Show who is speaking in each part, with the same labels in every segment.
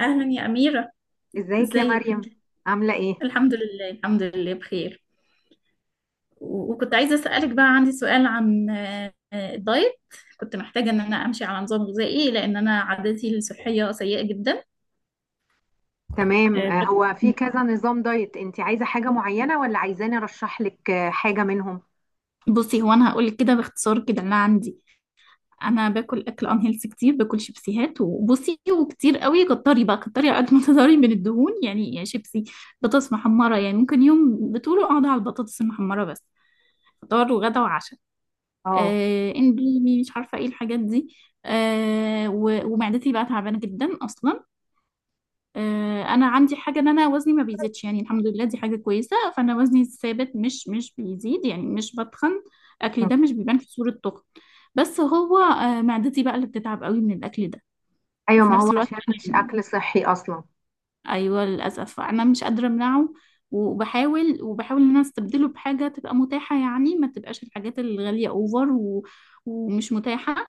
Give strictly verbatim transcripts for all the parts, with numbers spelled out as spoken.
Speaker 1: أهلا يا أميرة.
Speaker 2: ازيك يا
Speaker 1: ازيك؟
Speaker 2: مريم، عاملة ايه؟
Speaker 1: الحمد لله، الحمد لله بخير. و- وكنت عايزة أسألك، بقى عندي سؤال عن آه، آه، الدايت. كنت محتاجة إن أنا أمشي على نظام غذائي، لأن أنا عادتي الصحية سيئة جدا.
Speaker 2: تمام. آه، هو في كذا نظام دايت، انت عايزة حاجة معينة ولا عايزاني ارشح لك آه، حاجة منهم؟
Speaker 1: بصي، هو أنا هقولك كده باختصار كده اللي عندي. أنا باكل أكل أنهيلث كتير، باكل شيبسيهات وبصي، وكتير قوي، كتري بقى، كتري على قد ما تقدري من الدهون، يعني يا شيبسي بطاطس محمرة. يعني ممكن يوم بطوله أقعد على البطاطس المحمرة بس، فطار وغدا وعشاء.
Speaker 2: اه.
Speaker 1: آه، اندومي، مش عارفه ايه الحاجات دي. آه، و- ومعدتي بقى تعبانه جدا اصلا. آه، انا عندي حاجه، ان انا وزني ما بيزيدش، يعني الحمد لله دي حاجه كويسه، فانا وزني ثابت، مش مش بيزيد، يعني مش بتخن. اكلي
Speaker 2: مم.
Speaker 1: ده مش بيبان في صوره تخن. بس هو آه، معدتي بقى اللي بتتعب قوي من الاكل ده.
Speaker 2: ايوه،
Speaker 1: وفي
Speaker 2: ما هو
Speaker 1: نفس الوقت
Speaker 2: عشان مش
Speaker 1: أنا-
Speaker 2: اكل صحي اصلا.
Speaker 1: ايوه، للاسف انا مش قادره امنعه، وبحاول، وبحاول ان انا استبدله بحاجه تبقى متاحه، يعني ما تبقاش الحاجات الغاليه اوفر و... ومش متاحه،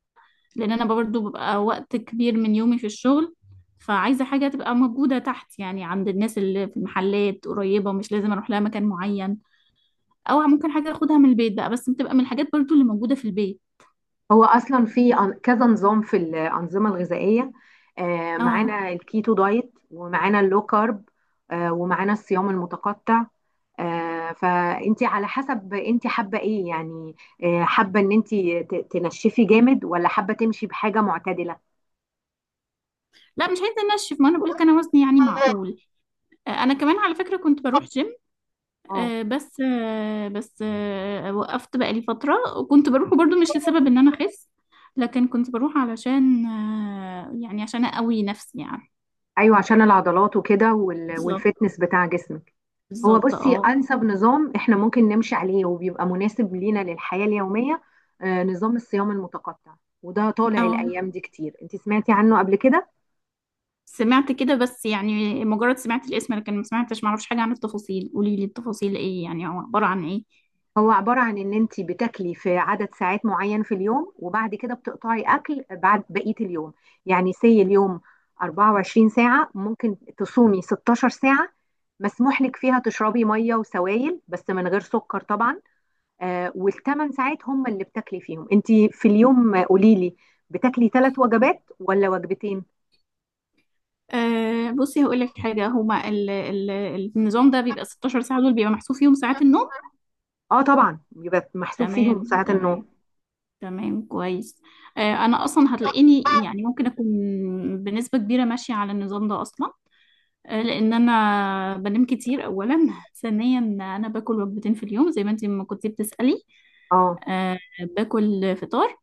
Speaker 1: لان انا برضو ببقى وقت كبير من يومي في الشغل. فعايزه حاجه تبقى موجوده تحت، يعني عند الناس اللي في المحلات قريبه، مش لازم اروح لها مكان معين، او ممكن حاجه اخدها من البيت بقى، بس بتبقى من الحاجات برضو اللي موجوده في البيت.
Speaker 2: هو اصلا في أن- كذا نظام في الانظمة الغذائية. آه،
Speaker 1: اه.
Speaker 2: معانا الكيتو دايت ومعانا اللو كارب آه، ومعانا الصيام المتقطع. آه، فانت على حسب انت حابة ايه يعني، آه، حابة ان انت ت- تنشفي جامد ولا حابة تمشي بحاجة معتدلة؟
Speaker 1: لا مش عايزه انشف، ما انا بقولك انا وزني يعني معقول. آه، انا كمان على فكره كنت بروح جيم،
Speaker 2: اه.
Speaker 1: آه، بس آه، بس آه، وقفت بقالي فتره، وكنت بروحه برضو مش لسبب ان انا اخس، لكن كنت بروح علشان آه، يعني عشان اقوي نفسي يعني.
Speaker 2: ايوه، عشان العضلات وكده وال-
Speaker 1: بالظبط.
Speaker 2: والفتنس بتاع جسمك. هو
Speaker 1: بالظبط
Speaker 2: بصي،
Speaker 1: اه.
Speaker 2: انسب نظام احنا ممكن نمشي عليه وبيبقى مناسب لينا للحياه اليوميه آه، نظام الصيام المتقطع، وده طالع
Speaker 1: اه،
Speaker 2: الايام دي كتير. انت سمعتي عنه قبل كده؟
Speaker 1: سمعت كده، بس يعني مجرد سمعت الاسم، لكن ما سمعتش، ما اعرفش حاجه عن التفاصيل. قولي لي التفاصيل ايه يعني، او عباره عن ايه؟
Speaker 2: هو عباره عن ان انت بتاكلي في عدد ساعات معين في اليوم وبعد كده بتقطعي اكل بعد بقيه اليوم. يعني سي اليوم أربع وعشرين ساعه، ممكن تصومي ستة عشر ساعه، مسموح لك فيها تشربي ميه وسوائل بس من غير سكر طبعا. آه، والثمان ساعات هم اللي بتاكلي فيهم انت في اليوم. آه، قولي لي، بتاكلي ثلاث وجبات ولا وجبتين؟
Speaker 1: أه، بصي، هقول لك حاجه، هما ال ال النظام ده بيبقى ستاشر ساعه، دول بيبقى محسوب فيهم ساعات النوم.
Speaker 2: اه، طبعا يبقى محسوب فيهم
Speaker 1: تمام،
Speaker 2: ساعات النوم.
Speaker 1: تمام. تمام كويس. أه، انا اصلا هتلاقيني يعني ممكن اكون بنسبه كبيره ماشيه على النظام ده اصلا، آه، لان انا بنام كتير اولا. ثانيا، انا باكل وجبتين في اليوم، زي ما انت ما كنتي بتسألي.
Speaker 2: اه،
Speaker 1: آه، باكل فطار،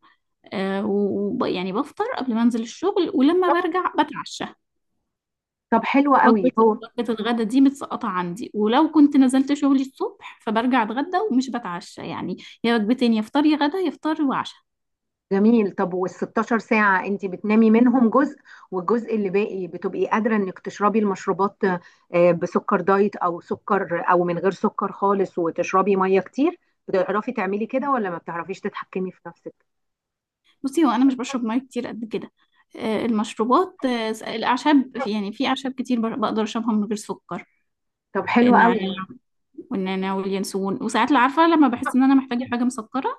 Speaker 1: آه، وب- يعني بفطر قبل ما انزل الشغل، ولما برجع بتعشى.
Speaker 2: طب حلو قوي.
Speaker 1: وجبة
Speaker 2: هو
Speaker 1: وجبة الغدا دي متسقطة عندي، ولو كنت نزلت شغلي الصبح فبرجع اتغدى ومش بتعشى يعني، يا وجبتين، يا فطار يا غدا، يا فطار وعشاء.
Speaker 2: جميل. طب، وال ستاشر ساعة انت بتنامي منهم جزء، والجزء اللي باقي بتبقي قادرة انك تشربي المشروبات آه، بسكر دايت او سكر او من غير سكر خالص، وتشربي مية كتير. بتعرفي تعملي كده ولا ما بتعرفيش تتحكمي في نفسك؟
Speaker 1: بصي، هو انا مش بشرب ميه كتير قد كده. آه، المشروبات، آه، الاعشاب، في- يعني في اعشاب كتير بر- بقدر اشربها من غير سكر،
Speaker 2: طب حلو قوي.
Speaker 1: والنعناع واليانسون. وساعات لو عارفة، لما بحس ان انا محتاجة حاجة مسكرة،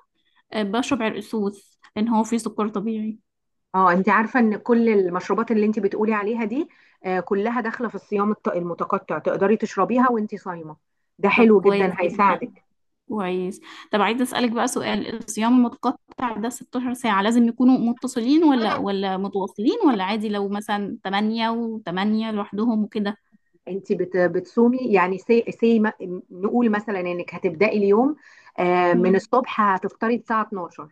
Speaker 1: آه، بشرب عرق سوس لان هو فيه سكر طبيعي.
Speaker 2: اه، انت عارفه ان كل المشروبات اللي انت بتقولي عليها دي آه، كلها داخله في الصيام الت- المتقطع، تقدري تشربيها وانت صايمه. ده
Speaker 1: طب
Speaker 2: حلو
Speaker 1: كويس
Speaker 2: جدا،
Speaker 1: جدا.
Speaker 2: هيساعدك.
Speaker 1: كويس. طب عايزة اسألك بقى سؤال، الصيام المتقطع ده ست عشرة ساعة لازم يكونوا متصلين، ولا ولا متواصلين، ولا عادي لو مثلا تمانية و8 لوحدهم وكده؟
Speaker 2: انت بت- بتصومي، يعني سي, سي ما- نقول مثلا انك هتبداي اليوم آه، من
Speaker 1: مم.
Speaker 2: الصبح هتفطري الساعه اتناشر،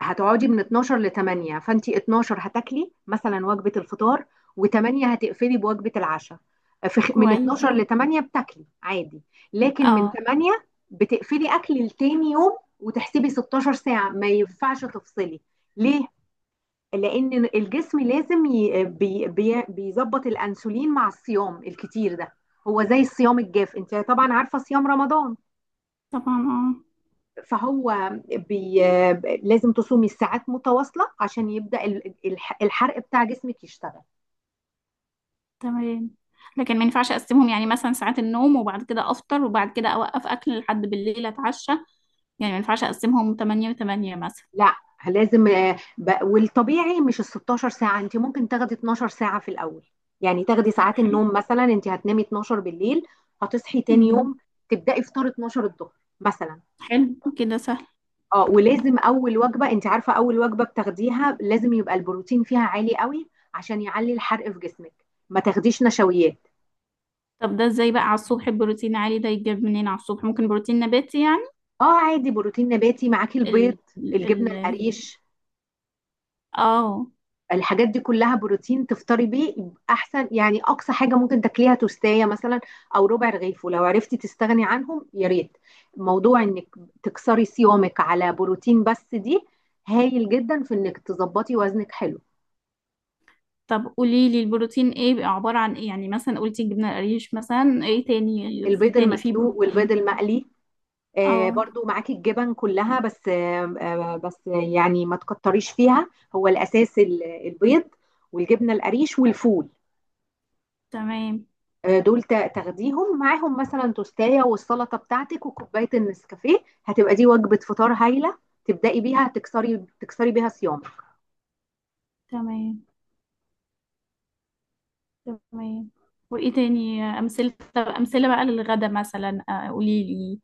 Speaker 2: هتقعدي من اتناشر ل تمنية. فانت اتناشر هتاكلي مثلا وجبه الفطار، و8 هتقفلي بوجبه العشاء. في خ- من اتناشر
Speaker 1: كويس.
Speaker 2: ل تمنية بتاكلي عادي، لكن من
Speaker 1: اه
Speaker 2: الثامنة بتقفلي اكل لتاني يوم، وتحسبي ستاشر ساعه، ما ينفعش تفصلي. ليه؟ لان الجسم لازم ي- بي- بي- بيظبط الانسولين مع الصيام الكتير ده. هو زي الصيام الجاف، انت طبعا عارفه صيام رمضان.
Speaker 1: طبعا. اه.
Speaker 2: فهو بي... لازم تصومي الساعات متواصلة عشان يبدأ ال- الح- الحرق بتاع جسمك يشتغل.
Speaker 1: تمام. لكن ما ينفعش اقسمهم، يعني مثلا ساعات النوم، وبعد كده افطر، وبعد كده اوقف اكل لحد بالليل اتعشى. يعني ما ينفعش اقسمهم تمانية و8 مثلا؟
Speaker 2: لا، لازم آه، ب- والطبيعي مش ال ستاشر ساعة، انت ممكن تاخدي اتناشر ساعة في الأول. يعني تاخدي
Speaker 1: طب
Speaker 2: ساعات
Speaker 1: حلو.
Speaker 2: النوم، مثلا انت هتنامي اتناشر بالليل، هتصحي تاني
Speaker 1: امم.
Speaker 2: يوم تبدأي فطار اتناشر الظهر مثلا.
Speaker 1: حلو كده سهل.
Speaker 2: اه، ولازم أول وجبة، انت عارفة أول وجبة بتاخديها لازم يبقى البروتين فيها عالي قوي عشان يعلي الحرق في جسمك، ما تاخديش نشويات.
Speaker 1: طب ده ازاي بقى على الصبح، البروتين عالي ده يتجاب منين على الصبح؟ ممكن بروتين نباتي يعني؟
Speaker 2: اه عادي، بروتين نباتي، معاكي البيض،
Speaker 1: ال
Speaker 2: الجبنه
Speaker 1: ال
Speaker 2: القريش،
Speaker 1: اه.
Speaker 2: الحاجات دي كلها بروتين. تفطري بيه احسن يعني. اقصى حاجه ممكن تاكليها توستايه مثلا، او ربع رغيف، ولو عرفتي تستغني عنهم يا ريت. موضوع انك تكسري صيامك على بروتين بس دي هايل جدا في انك تظبطي وزنك حلو.
Speaker 1: طب قولي لي البروتين ايه بيبقى، عبارة عن ايه يعني؟ مثلا قلتي جبنة قريش، مثلا ايه تاني، في
Speaker 2: البيض
Speaker 1: تاني في
Speaker 2: المسلوق والبيض
Speaker 1: بروتين؟
Speaker 2: المقلي، آه،
Speaker 1: اه.
Speaker 2: برضو معاكي الجبن كلها، بس آه آه بس يعني ما تكتريش فيها، هو الاساس ال- البيض والجبنه القريش والفول.
Speaker 1: تمام،
Speaker 2: آه، دول تا- تاخديهم معاهم مثلا توستايه والسلطه بتاعتك وكوبايه النسكافيه، هتبقى دي وجبه فطار هايله تبداي بيها، تكسري تكسري بيها صيامك.
Speaker 1: تمام، تمام. وايه تاني امثله؟ طب امثله بقى للغدا مثلا، آه، قولي لي.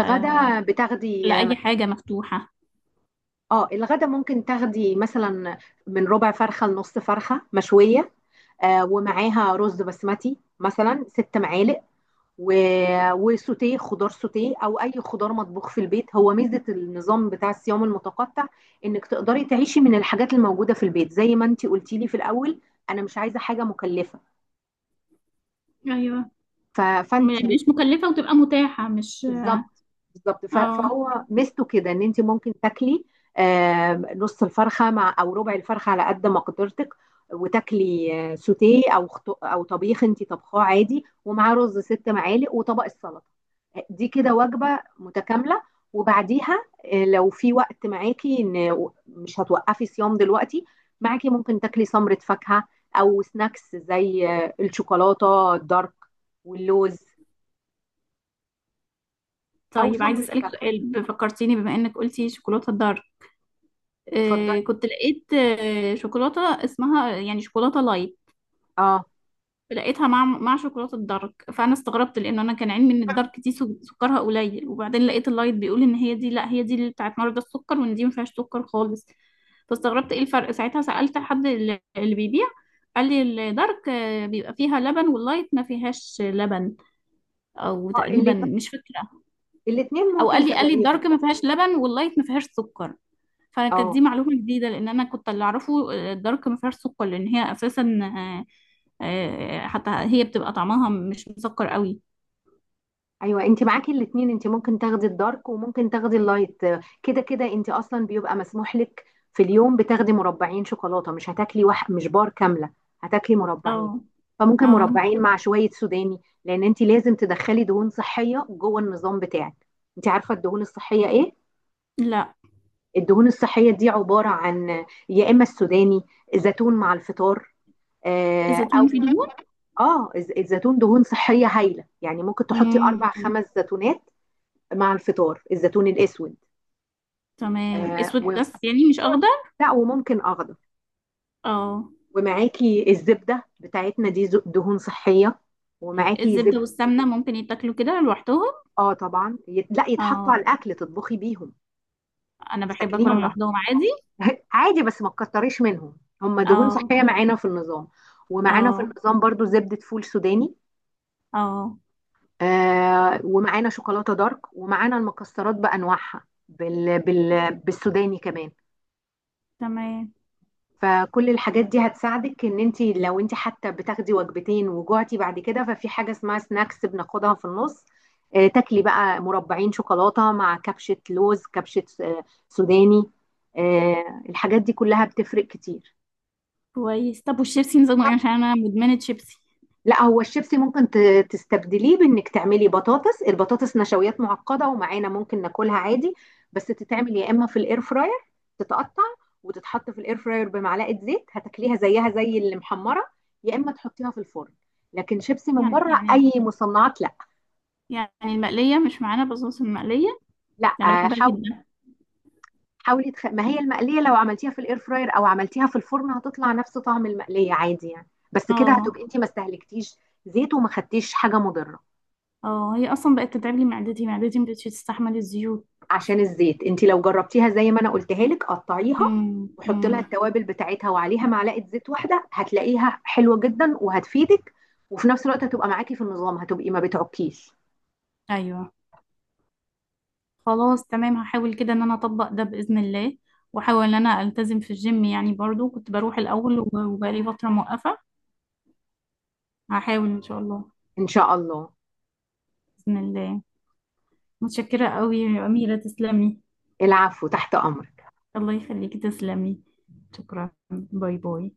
Speaker 1: آه،
Speaker 2: بتاخدي.
Speaker 1: لاي حاجه مفتوحه.
Speaker 2: اه، الغدا ممكن تاخدي مثلا من ربع فرخه لنص فرخه مشويه، آه، ومعاها رز بسمتي مثلا ست معالق و... وسوتيه خضار، سوتيه او اي خضار مطبوخ في البيت. هو ميزه النظام بتاع الصيام المتقطع انك تقدري تعيشي من الحاجات الموجوده في البيت، زي ما انت قلتي لي في الاول، انا مش عايزه حاجه مكلفه.
Speaker 1: ايوه.
Speaker 2: ف...
Speaker 1: م-
Speaker 2: فانت
Speaker 1: يعني مش مكلفه وتبقى متاحه، مش...
Speaker 2: بالظبط. بالظبط، ف-
Speaker 1: اه.
Speaker 2: فهو ميزته كده ان انت ممكن تاكلي آم، نص الفرخه مع او ربع الفرخه على قد ما قدرتك، وتاكلي آه، سوتيه او خط- او طبيخ انت طبخاه عادي، ومعاه رز ست معالق وطبق السلطه. آه، دي كده وجبه متكامله. وبعديها آه، لو في وقت معاكي، ان مش هتوقفي صيام دلوقتي، معاكي ممكن تاكلي سمره فاكهه، او سناكس زي آه، الشوكولاته الدارك واللوز، او
Speaker 1: طيب، عايزه
Speaker 2: سمره
Speaker 1: اسالك
Speaker 2: فاكهه.
Speaker 1: سؤال، ب- فكرتيني بما انك قلتي شوكولاته الدارك. آه،
Speaker 2: اتفضلي.
Speaker 1: كنت لقيت آه، شوكولاته اسمها يعني شوكولاته لايت.
Speaker 2: اه.
Speaker 1: لقيتها مع مع شوكولاته الدارك، فانا استغربت، لان انا كان علمي ان الدارك دي سو- سكرها قليل، وبعدين لقيت اللايت بيقول ان هي دي، لا، هي دي اللي بتاعت مرضى السكر، وان دي ما فيهاش سكر خالص. فاستغربت ايه الفرق ساعتها، سالت حد اللي اللي بيبيع، قال لي الدارك آه، بيبقى فيها لبن، واللايت ما فيهاش لبن. او
Speaker 2: اه،
Speaker 1: تقريبا
Speaker 2: الات-
Speaker 1: مش فاكره،
Speaker 2: الاتنين
Speaker 1: او
Speaker 2: ممكن
Speaker 1: قال لي، قال لي الدارك
Speaker 2: تاخديهم.
Speaker 1: ما فيهاش لبن، واللايت ما فيهاش سكر. فكانت دي
Speaker 2: اه،
Speaker 1: معلومه جديده، لان انا كنت اللي اعرفه آه، الدارك ما فيهاش سكر، لان هي اساسا آه، حتى هي بتبقى طعمها مش مسكر قوي.
Speaker 2: ايوه، انت معاكي الاتنين، انت ممكن تاخدي الدارك وممكن تاخدي اللايت. كده كده انت اصلا بيبقى مسموح لك في اليوم بتاخدي مربعين شوكولاته، مش هتاكلي واحد، مش بار كامله، هتاكلي مربعين.
Speaker 1: اه.
Speaker 2: فممكن
Speaker 1: اه.
Speaker 2: مربعين مع شويه سوداني، لان انت لازم تدخلي دهون صحيه جوه النظام بتاعك. انت عارفه الدهون الصحيه ايه؟
Speaker 1: لا.
Speaker 2: الدهون الصحيه دي عباره عن يا اما السوداني، زيتون مع الفطار، آه، او
Speaker 1: الزيتون فيه دهون؟
Speaker 2: اه الز- الزيتون دهون صحية هايلة، يعني ممكن تحطي أربع
Speaker 1: مم.
Speaker 2: خمس زيتونات مع الفطار، الزيتون الأسود.
Speaker 1: تمام.
Speaker 2: آه
Speaker 1: اسود
Speaker 2: و...
Speaker 1: بس يعني مش اخضر؟
Speaker 2: لا، وممكن أخضر.
Speaker 1: اه.
Speaker 2: ومعاكي الزبدة بتاعتنا دي ز- دهون صحية، ومعاكي
Speaker 1: الزبدة
Speaker 2: زبدة.
Speaker 1: والسمنة ممكن يتاكلوا كده لوحدهم؟
Speaker 2: اه طبعا يت... لا، يتحطوا
Speaker 1: اه،
Speaker 2: على الأكل، تطبخي بيهم،
Speaker 1: انا
Speaker 2: مش
Speaker 1: بحب
Speaker 2: تاكليهم
Speaker 1: اكلهم
Speaker 2: لوحدك.
Speaker 1: لوحدهم عادي.
Speaker 2: عادي، بس ما تكتريش منهم، هم دهون
Speaker 1: اه.
Speaker 2: صحية معانا في النظام. ومعانا في
Speaker 1: اه.
Speaker 2: النظام برضو زبدة فول سوداني،
Speaker 1: اه
Speaker 2: آه، ومعانا شوكولاتة دارك، ومعانا المكسرات بأنواعها بال بال بالسوداني كمان.
Speaker 1: تمام.
Speaker 2: فكل الحاجات دي هتساعدك، ان انت لو انت حتى بتاخدي وجبتين وجوعتي بعد كده، ففي حاجة اسمها سناكس بناخدها في النص. آه، تاكلي بقى مربعين شوكولاتة مع كبشة لوز، كبشة آه سوداني. آه، الحاجات دي كلها بتفرق كتير.
Speaker 1: كويس. طب والشيبسي نظامه ايه؟ عشان انا مدمنة شيبسي.
Speaker 2: لا، هو الشيبسي ممكن ت- تستبدليه بانك تعملي بطاطس. البطاطس نشويات معقده ومعانا ممكن ناكلها عادي، بس تتعمل يا اما في الاير فراير، تتقطع وتتحط في الاير فراير بمعلقه زيت، هتاكليها زيها زي اللي محمره، يا اما تحطيها في الفرن. لكن شيبسي من
Speaker 1: يعني
Speaker 2: بره،
Speaker 1: يعني
Speaker 2: اي مصنعات، لا.
Speaker 1: يعني المقلية مش معانا بصوص؟ المقلية
Speaker 2: لا
Speaker 1: انا
Speaker 2: آه،
Speaker 1: بحبها
Speaker 2: حاو-
Speaker 1: جدا.
Speaker 2: حاولي تخ... ما هي المقليه لو عملتيها في الاير فراير او عملتيها في الفرن هتطلع نفس طعم المقليه عادي يعني، بس كده
Speaker 1: اه.
Speaker 2: هتبقي انت ما استهلكتيش زيت وما خدتيش حاجه مضره.
Speaker 1: اه، هي اصلا بقت تتعب لي معدتي، معدتي مبقتش تستحمل الزيوت.
Speaker 2: عشان الزيت، انت لو جربتيها زي ما انا قلتها لك، قطعيها
Speaker 1: امم،
Speaker 2: وحطي لها
Speaker 1: امم.
Speaker 2: التوابل بتاعتها وعليها معلقه زيت واحده، هتلاقيها حلوه جدا وهتفيدك، وفي نفس الوقت هتبقى معاكي في النظام، هتبقي ما بتعكيش.
Speaker 1: ايوه. خلاص، تمام، هحاول كده ان انا اطبق ده باذن الله، واحاول ان انا التزم في الجيم يعني، برضو كنت بروح الاول وب- وبقالي فتره موقفه. هحاول ان شاء الله.
Speaker 2: ان شاء الله.
Speaker 1: باذن الله. متشكره قوي يا اميره، تسلمي.
Speaker 2: العفو، تحت امرك.
Speaker 1: الله يخليكي، تسلمي. شكرا، باي باي.